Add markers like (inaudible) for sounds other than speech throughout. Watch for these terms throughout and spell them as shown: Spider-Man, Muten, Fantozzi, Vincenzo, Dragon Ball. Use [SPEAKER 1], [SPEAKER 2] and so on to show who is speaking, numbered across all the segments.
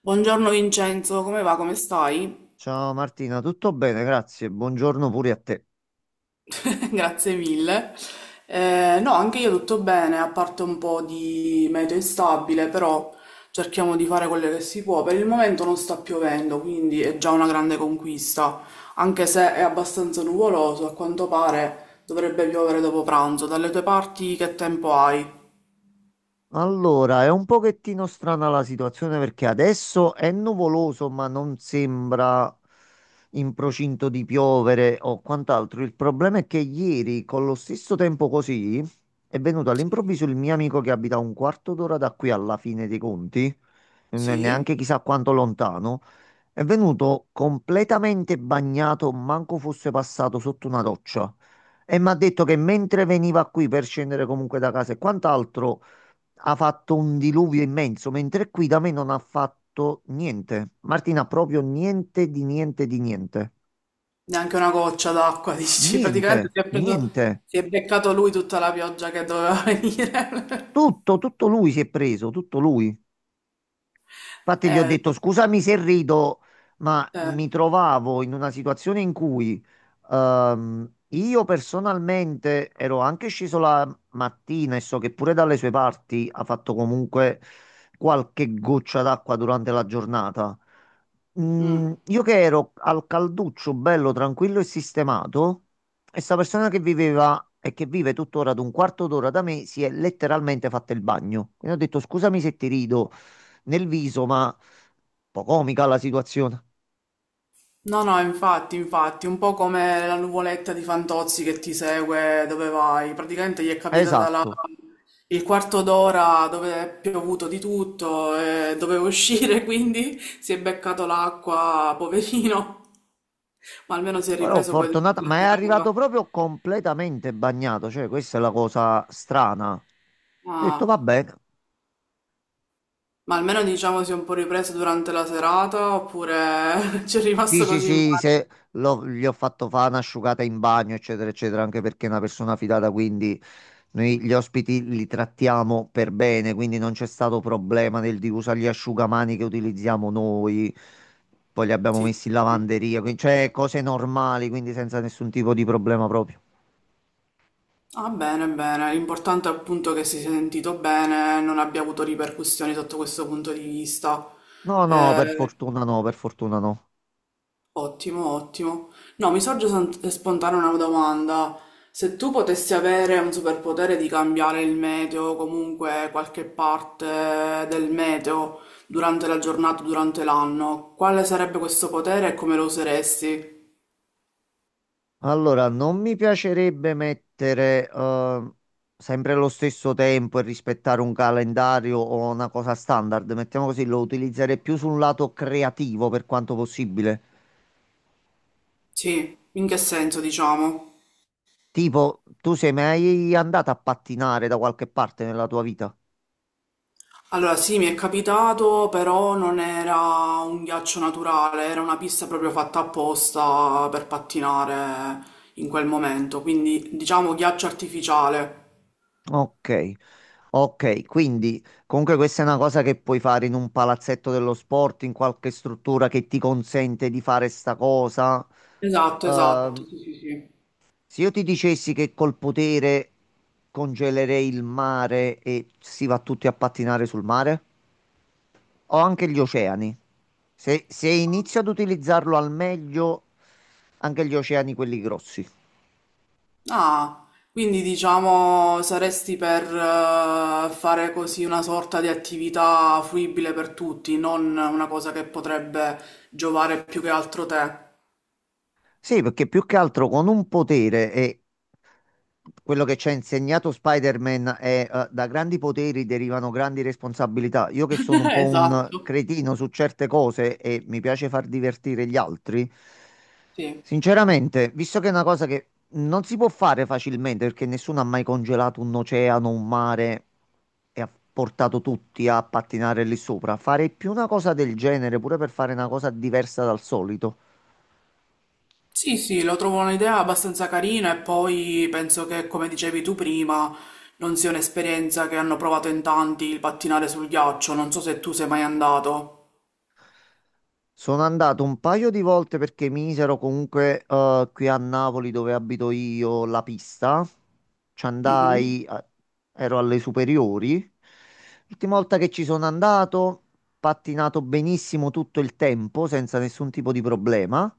[SPEAKER 1] Buongiorno Vincenzo, come va? Come stai?
[SPEAKER 2] Ciao Martina, tutto bene? Grazie. Buongiorno pure a te.
[SPEAKER 1] (laughs) Grazie mille. No, anche io tutto bene, a parte un po' di meteo instabile, però cerchiamo di fare quello che si può. Per il momento non sta piovendo, quindi è già una grande conquista, anche se è abbastanza nuvoloso, a quanto pare dovrebbe piovere dopo pranzo. Dalle tue parti che tempo hai?
[SPEAKER 2] Allora, è un pochettino strana la situazione perché adesso è nuvoloso, ma non sembra in procinto di piovere o quant'altro. Il problema è che ieri, con lo stesso tempo così, è venuto all'improvviso il mio amico che abita un quarto d'ora da qui alla fine dei conti,
[SPEAKER 1] Sì?
[SPEAKER 2] neanche chissà quanto lontano. È venuto completamente bagnato, manco fosse passato sotto una roccia. E mi ha detto che mentre veniva qui per scendere comunque da casa e quant'altro, ha fatto un diluvio immenso, mentre qui da me non ha fatto niente. Martina, proprio niente di niente di niente.
[SPEAKER 1] Neanche una goccia d'acqua, (laughs) dici?
[SPEAKER 2] Niente,
[SPEAKER 1] Praticamente si è preso,
[SPEAKER 2] niente.
[SPEAKER 1] si è beccato lui tutta la pioggia che doveva (laughs) venire.
[SPEAKER 2] Tutto, tutto lui si è preso, tutto lui. Infatti gli ho
[SPEAKER 1] (laughs) Eh,
[SPEAKER 2] detto scusami se rido, ma
[SPEAKER 1] Eh,
[SPEAKER 2] mi trovavo in una situazione in cui io personalmente ero anche sceso la mattina e so che pure dalle sue parti ha fatto comunque qualche goccia d'acqua durante la giornata.
[SPEAKER 1] mm.
[SPEAKER 2] Mm, io che ero al calduccio, bello, tranquillo e sistemato, e sta persona che viveva e che vive tuttora ad un quarto d'ora da me si è letteralmente fatta il bagno. Quindi ho detto scusami se ti rido nel viso, ma un po' comica la situazione.
[SPEAKER 1] No, no, infatti, infatti, un po' come la nuvoletta di Fantozzi che ti segue dove vai. Praticamente gli è capitata la-
[SPEAKER 2] Esatto.
[SPEAKER 1] il quarto d'ora dove è piovuto di tutto e doveva uscire, (laughs) quindi si è beccato l'acqua, poverino, ma almeno si è
[SPEAKER 2] Però
[SPEAKER 1] ripreso poi
[SPEAKER 2] fortunata,
[SPEAKER 1] durante
[SPEAKER 2] ma è
[SPEAKER 1] la serata.
[SPEAKER 2] arrivato proprio completamente bagnato, cioè questa è la cosa strana. Ho detto
[SPEAKER 1] Ah,
[SPEAKER 2] va bene.
[SPEAKER 1] ma almeno diciamo si è un po' ripreso durante la serata oppure (laughs) ci è
[SPEAKER 2] Sì,
[SPEAKER 1] rimasto
[SPEAKER 2] sì,
[SPEAKER 1] così male.
[SPEAKER 2] sì, se l'ho- gli ho fatto fare un'asciugata in bagno, eccetera, eccetera, anche perché è una persona fidata, quindi noi gli ospiti li trattiamo per bene, quindi non c'è stato problema nel di usare gli asciugamani che utilizziamo noi, poi li abbiamo
[SPEAKER 1] Sì,
[SPEAKER 2] messi in
[SPEAKER 1] sì.
[SPEAKER 2] lavanderia, quindi cioè cose normali, quindi senza nessun tipo di problema proprio.
[SPEAKER 1] Ah, bene, bene. L'importante è appunto che si sia sentito bene, non abbia avuto ripercussioni sotto questo punto di vista.
[SPEAKER 2] No, no, per
[SPEAKER 1] Eh,
[SPEAKER 2] fortuna no, per fortuna no.
[SPEAKER 1] Ottimo, ottimo. No, spontanea una domanda. Se tu potessi avere un superpotere di cambiare il meteo, comunque qualche parte del meteo, durante la giornata, durante l'anno, quale sarebbe questo potere e come lo useresti?
[SPEAKER 2] Allora, non mi piacerebbe mettere sempre lo stesso tempo e rispettare un calendario o una cosa standard. Mettiamo così, lo utilizzerei più sul lato creativo per quanto possibile.
[SPEAKER 1] Sì, in che senso, diciamo?
[SPEAKER 2] Tipo, tu sei mai andato a pattinare da qualche parte nella tua vita?
[SPEAKER 1] Allora, sì, mi è capitato, però non era un ghiaccio naturale, era una pista proprio fatta apposta per pattinare in quel momento, quindi diciamo ghiaccio artificiale.
[SPEAKER 2] Ok. Ok, quindi comunque questa è una cosa che puoi fare in un palazzetto dello sport, in qualche struttura che ti consente di fare sta cosa.
[SPEAKER 1] Esatto,
[SPEAKER 2] Ehm,
[SPEAKER 1] esatto, sì, sì, sì.
[SPEAKER 2] Se io ti dicessi che col potere congelerei il mare e si va tutti a pattinare sul mare, o anche gli oceani, se inizio ad utilizzarlo al meglio, anche gli oceani, quelli grossi.
[SPEAKER 1] Ah, quindi diciamo saresti per fare così una sorta di attività fruibile per tutti, non una cosa che potrebbe giovare più che altro te.
[SPEAKER 2] Sì, perché più che altro con un potere e quello che ci ha insegnato Spider-Man è, da grandi poteri derivano grandi responsabilità. Io che sono un
[SPEAKER 1] (laughs)
[SPEAKER 2] po' un
[SPEAKER 1] Esatto,
[SPEAKER 2] cretino su certe cose e mi piace far divertire gli altri,
[SPEAKER 1] sì.
[SPEAKER 2] sinceramente, visto che è una cosa che non si può fare facilmente perché nessuno ha mai congelato un oceano, un mare e ha portato tutti a pattinare lì sopra, fare più una cosa del genere pure per fare una cosa diversa dal solito.
[SPEAKER 1] Sì, sì, lo trovo un'idea abbastanza carina e poi penso che, come dicevi tu prima, non sia un'esperienza che hanno provato in tanti il pattinare sul ghiaccio. Non so se tu sei mai andato.
[SPEAKER 2] Sono andato un paio di volte perché misero comunque, qui a Napoli dove abito io la pista. Ci
[SPEAKER 1] Mhm.
[SPEAKER 2] andai, ero alle superiori. L'ultima volta che ci sono andato, pattinato benissimo tutto il tempo, senza nessun tipo di problema.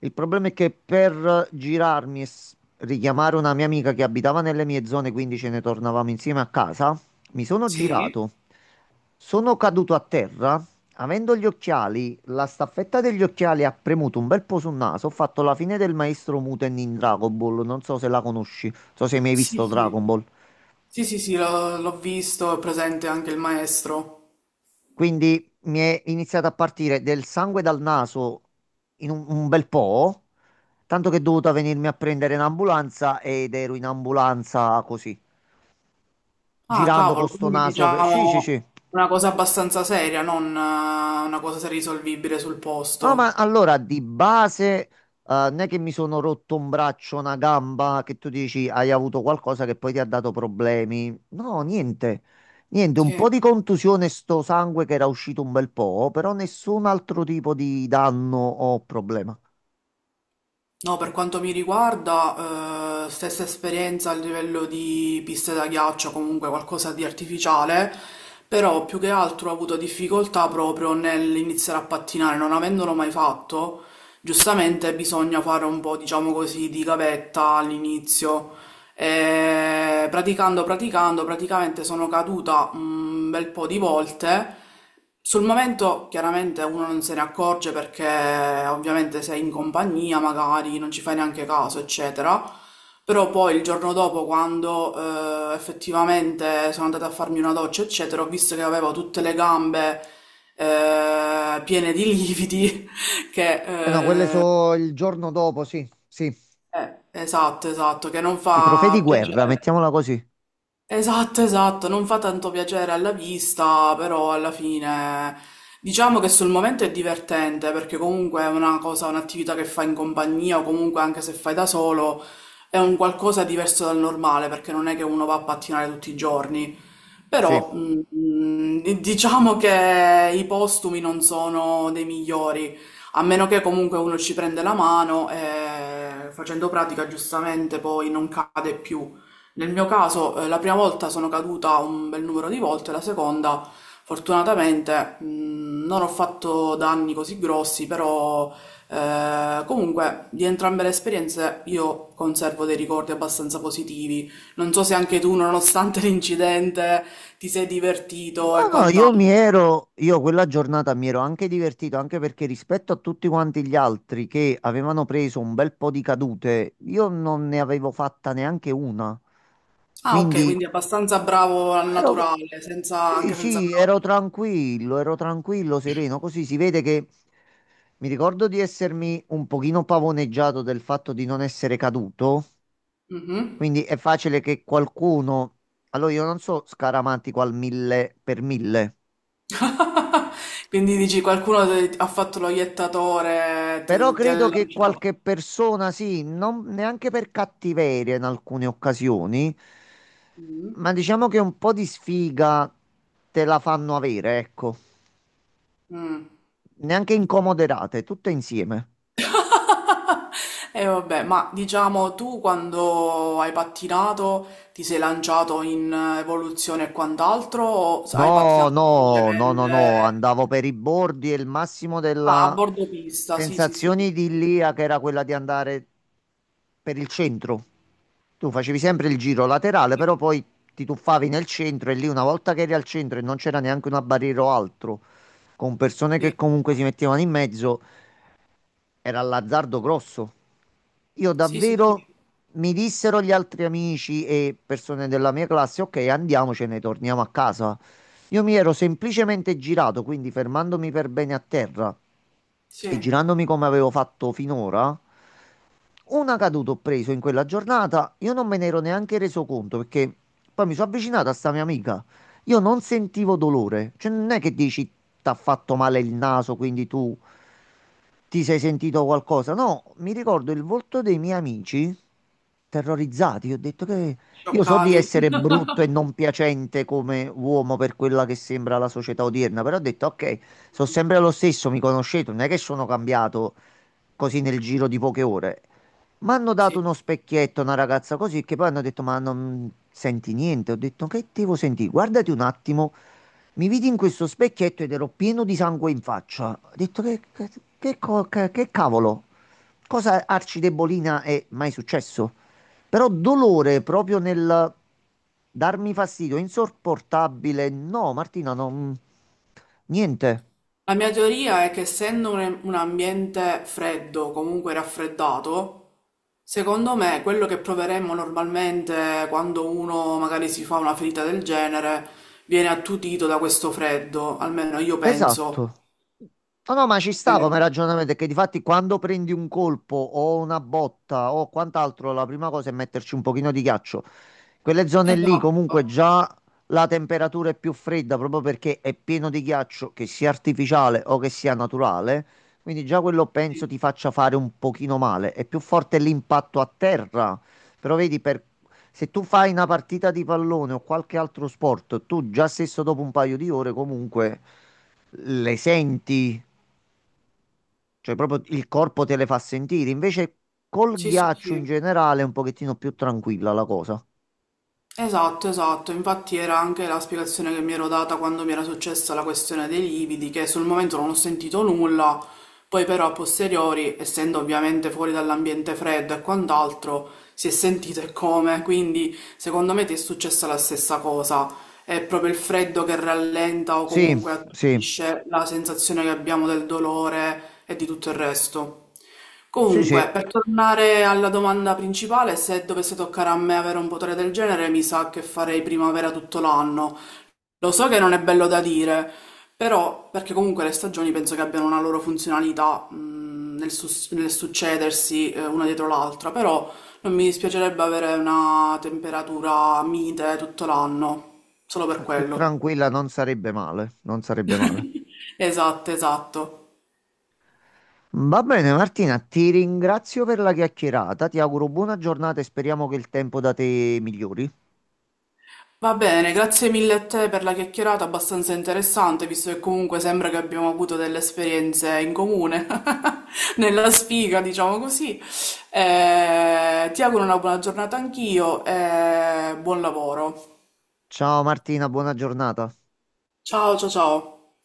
[SPEAKER 2] Il problema è che per girarmi e richiamare una mia amica che abitava nelle mie zone, quindi ce ne tornavamo insieme a casa, mi sono
[SPEAKER 1] Sì.
[SPEAKER 2] girato. Sono caduto a terra. Avendo gli occhiali, la staffetta degli occhiali ha premuto un bel po' sul naso. Ho fatto la fine del maestro Muten in Dragon Ball. Non so se la conosci, non so se mi hai mai
[SPEAKER 1] Sì,
[SPEAKER 2] visto
[SPEAKER 1] sì.
[SPEAKER 2] Dragon Ball.
[SPEAKER 1] Sì, sì, sì, l'ho visto, è presente anche il maestro.
[SPEAKER 2] Quindi mi è iniziato a partire del sangue dal naso in un bel po', tanto che è dovuta venirmi a prendere in ambulanza ed ero in ambulanza così,
[SPEAKER 1] Ah,
[SPEAKER 2] girando con
[SPEAKER 1] cavolo,
[SPEAKER 2] sto
[SPEAKER 1] quindi
[SPEAKER 2] naso. Sì, sì, sì.
[SPEAKER 1] diciamo una cosa abbastanza seria, non una cosa risolvibile sul
[SPEAKER 2] Ah, ma
[SPEAKER 1] posto.
[SPEAKER 2] allora di base, non è che mi sono rotto un braccio, una gamba, che tu dici hai avuto qualcosa che poi ti ha dato problemi. No, niente. Niente, un po'
[SPEAKER 1] Sì.
[SPEAKER 2] di contusione, sto sangue che era uscito un bel po', però nessun altro tipo di danno o problema.
[SPEAKER 1] No, per quanto mi riguarda, stessa esperienza a livello di piste da ghiaccio, comunque qualcosa di artificiale, però più che altro ho avuto difficoltà proprio nell'iniziare a pattinare, non avendolo mai fatto, giustamente bisogna fare un po', diciamo così, di gavetta all'inizio, e praticamente sono caduta un bel po' di volte. Sul momento chiaramente uno non se ne accorge perché ovviamente sei in compagnia, magari non ci fai neanche caso, eccetera. Però poi il giorno dopo, quando effettivamente sono andata a farmi una doccia, eccetera, ho visto che avevo tutte le gambe piene di lividi, (laughs)
[SPEAKER 2] Eh no, quelle
[SPEAKER 1] che eh,
[SPEAKER 2] so il giorno dopo, sì, sì.
[SPEAKER 1] esatto, esatto, che non
[SPEAKER 2] I trofei di
[SPEAKER 1] fa
[SPEAKER 2] guerra,
[SPEAKER 1] piacere.
[SPEAKER 2] mettiamola così.
[SPEAKER 1] Esatto, esatto, non fa tanto piacere alla vista, però alla fine diciamo che sul momento è divertente perché comunque è una cosa, un'attività che fai in compagnia o comunque anche se fai da solo è un qualcosa diverso dal normale perché non è che uno va a pattinare tutti i giorni.
[SPEAKER 2] Sì.
[SPEAKER 1] Però diciamo che i postumi non sono dei migliori, a meno che comunque uno ci prende la mano e facendo pratica giustamente poi non cade più. Nel mio caso, la prima volta sono caduta un bel numero di volte, la seconda, fortunatamente, non ho fatto danni così grossi, però comunque di entrambe le esperienze io conservo dei ricordi abbastanza positivi. Non so se anche tu, nonostante (laughs) l'incidente, ti sei divertito
[SPEAKER 2] No,
[SPEAKER 1] e
[SPEAKER 2] no,
[SPEAKER 1] quant'altro.
[SPEAKER 2] io quella giornata mi ero anche divertito, anche perché rispetto a tutti quanti gli altri che avevano preso un bel po' di cadute, io non ne avevo fatta neanche una.
[SPEAKER 1] Ah, ok,
[SPEAKER 2] Quindi
[SPEAKER 1] quindi abbastanza bravo al
[SPEAKER 2] ero,
[SPEAKER 1] naturale,
[SPEAKER 2] sì,
[SPEAKER 1] anche senza
[SPEAKER 2] sì,
[SPEAKER 1] bravo.
[SPEAKER 2] ero tranquillo, sereno. Così si vede che mi ricordo di essermi un pochino pavoneggiato del fatto di non essere caduto.
[SPEAKER 1] Mhm.
[SPEAKER 2] Quindi è facile che qualcuno, allora io non so scaramantico al mille per mille.
[SPEAKER 1] (laughs) Quindi dici qualcuno ha fatto lo iettatore,
[SPEAKER 2] Però
[SPEAKER 1] ti ha
[SPEAKER 2] credo che
[SPEAKER 1] lanciato.
[SPEAKER 2] qualche persona, sì, non neanche per cattiveria in alcune occasioni,
[SPEAKER 1] Mm.
[SPEAKER 2] ma diciamo che un po' di sfiga te la fanno avere, ecco.
[SPEAKER 1] Mm.
[SPEAKER 2] Neanche incomoderate, tutte insieme.
[SPEAKER 1] (laughs) E vabbè, ma diciamo tu quando hai pattinato ti sei lanciato in evoluzione e quant'altro o hai
[SPEAKER 2] No,
[SPEAKER 1] pattinato
[SPEAKER 2] no, no, no, no,
[SPEAKER 1] semplicemente
[SPEAKER 2] andavo per i bordi e il massimo
[SPEAKER 1] ah, a
[SPEAKER 2] della
[SPEAKER 1] bordo pista? Sì, sì, sì.
[SPEAKER 2] sensazione idilliaca era quella di andare per il centro. Tu facevi sempre il giro laterale, però poi ti tuffavi nel centro e lì una volta che eri al centro e non c'era neanche una barriera o altro con persone che
[SPEAKER 1] Sì,
[SPEAKER 2] comunque si mettevano in mezzo, era l'azzardo grosso. Io
[SPEAKER 1] sì, sì, sì,
[SPEAKER 2] davvero,
[SPEAKER 1] sì.
[SPEAKER 2] mi dissero gli altri amici e persone della mia classe, ok, andiamocene, torniamo a casa. Io mi ero semplicemente girato, quindi fermandomi per bene a terra e
[SPEAKER 1] Sì,
[SPEAKER 2] girandomi come avevo fatto finora, una caduta ho preso in quella giornata, io non me ne ero neanche reso conto perché poi mi sono avvicinato a sta mia amica. Io non sentivo dolore, cioè non è che dici t'ha fatto male il naso, quindi tu ti sei sentito qualcosa? No, mi ricordo il volto dei miei amici terrorizzati. Ho detto che io so di
[SPEAKER 1] scioccati.
[SPEAKER 2] essere
[SPEAKER 1] (laughs)
[SPEAKER 2] brutto e non piacente come uomo per quella che sembra la società odierna, però ho detto ok, sono sempre lo stesso, mi conoscete, non è che sono cambiato così nel giro di poche ore. Mi hanno dato
[SPEAKER 1] Sì.
[SPEAKER 2] uno specchietto, una ragazza così, che poi hanno detto ma non senti niente. Ho detto che devo sentire? Guardati un attimo. Mi vidi in questo specchietto ed ero pieno di sangue in faccia. Ho detto che cavolo, cosa arcidebolina è mai successo? Però dolore proprio nel darmi fastidio, insopportabile. No, Martina, non... niente.
[SPEAKER 1] La mia teoria è che essendo un ambiente freddo, comunque raffreddato, secondo me quello che proveremmo normalmente quando uno magari si fa una ferita del genere viene attutito da questo freddo, almeno io penso.
[SPEAKER 2] Esatto. No, no, ma ci sta come
[SPEAKER 1] Eh,
[SPEAKER 2] ragionamento, è che difatti quando prendi un colpo o una botta o quant'altro, la prima cosa è metterci un pochino di ghiaccio. Quelle zone lì
[SPEAKER 1] Esatto,
[SPEAKER 2] comunque
[SPEAKER 1] esatto,
[SPEAKER 2] già la temperatura è più fredda proprio perché è pieno di ghiaccio, che sia artificiale o che sia naturale, quindi già quello penso
[SPEAKER 1] sì,
[SPEAKER 2] ti faccia fare un pochino male. È più forte l'impatto a terra, però vedi per... Se tu fai una partita di pallone o qualche altro sport, tu già stesso dopo un paio di ore comunque le senti, cioè proprio il corpo te le fa sentire. Invece col
[SPEAKER 1] sì, sì.
[SPEAKER 2] ghiaccio in
[SPEAKER 1] Sì.
[SPEAKER 2] generale è un pochettino più tranquilla la cosa.
[SPEAKER 1] Esatto, esatto, infatti era anche la spiegazione che mi ero data quando mi era successa la questione dei lividi, che sul momento non ho sentito nulla, poi però a posteriori, essendo ovviamente fuori dall'ambiente freddo e quant'altro, si è sentito e come, quindi secondo me ti è successa la stessa cosa è proprio il freddo che rallenta o
[SPEAKER 2] Sì,
[SPEAKER 1] comunque
[SPEAKER 2] sì,
[SPEAKER 1] attutisce la sensazione che abbiamo del dolore e di tutto il resto.
[SPEAKER 2] sì, sì,
[SPEAKER 1] Comunque, per tornare alla domanda principale, se dovesse toccare a me avere un potere del genere, mi sa che farei primavera tutto l'anno, lo so che non è bello da dire, però, perché comunque le stagioni penso che abbiano una loro funzionalità, nel, nel succedersi, una dietro l'altra, però non mi dispiacerebbe avere una temperatura mite tutto l'anno, solo per
[SPEAKER 2] più
[SPEAKER 1] quello.
[SPEAKER 2] tranquilla non sarebbe male, non sarebbe male.
[SPEAKER 1] (laughs) Esatto, esatto.
[SPEAKER 2] Va bene Martina, ti ringrazio per la chiacchierata, ti auguro buona giornata e speriamo che il tempo da te migliori.
[SPEAKER 1] Va bene, grazie mille a te per la chiacchierata abbastanza interessante, visto che comunque sembra che abbiamo avuto delle esperienze in comune, (laughs) nella sfiga, diciamo così. Ti auguro una buona giornata anch'io e buon lavoro.
[SPEAKER 2] Ciao Martina, buona giornata.
[SPEAKER 1] Ciao, ciao, ciao.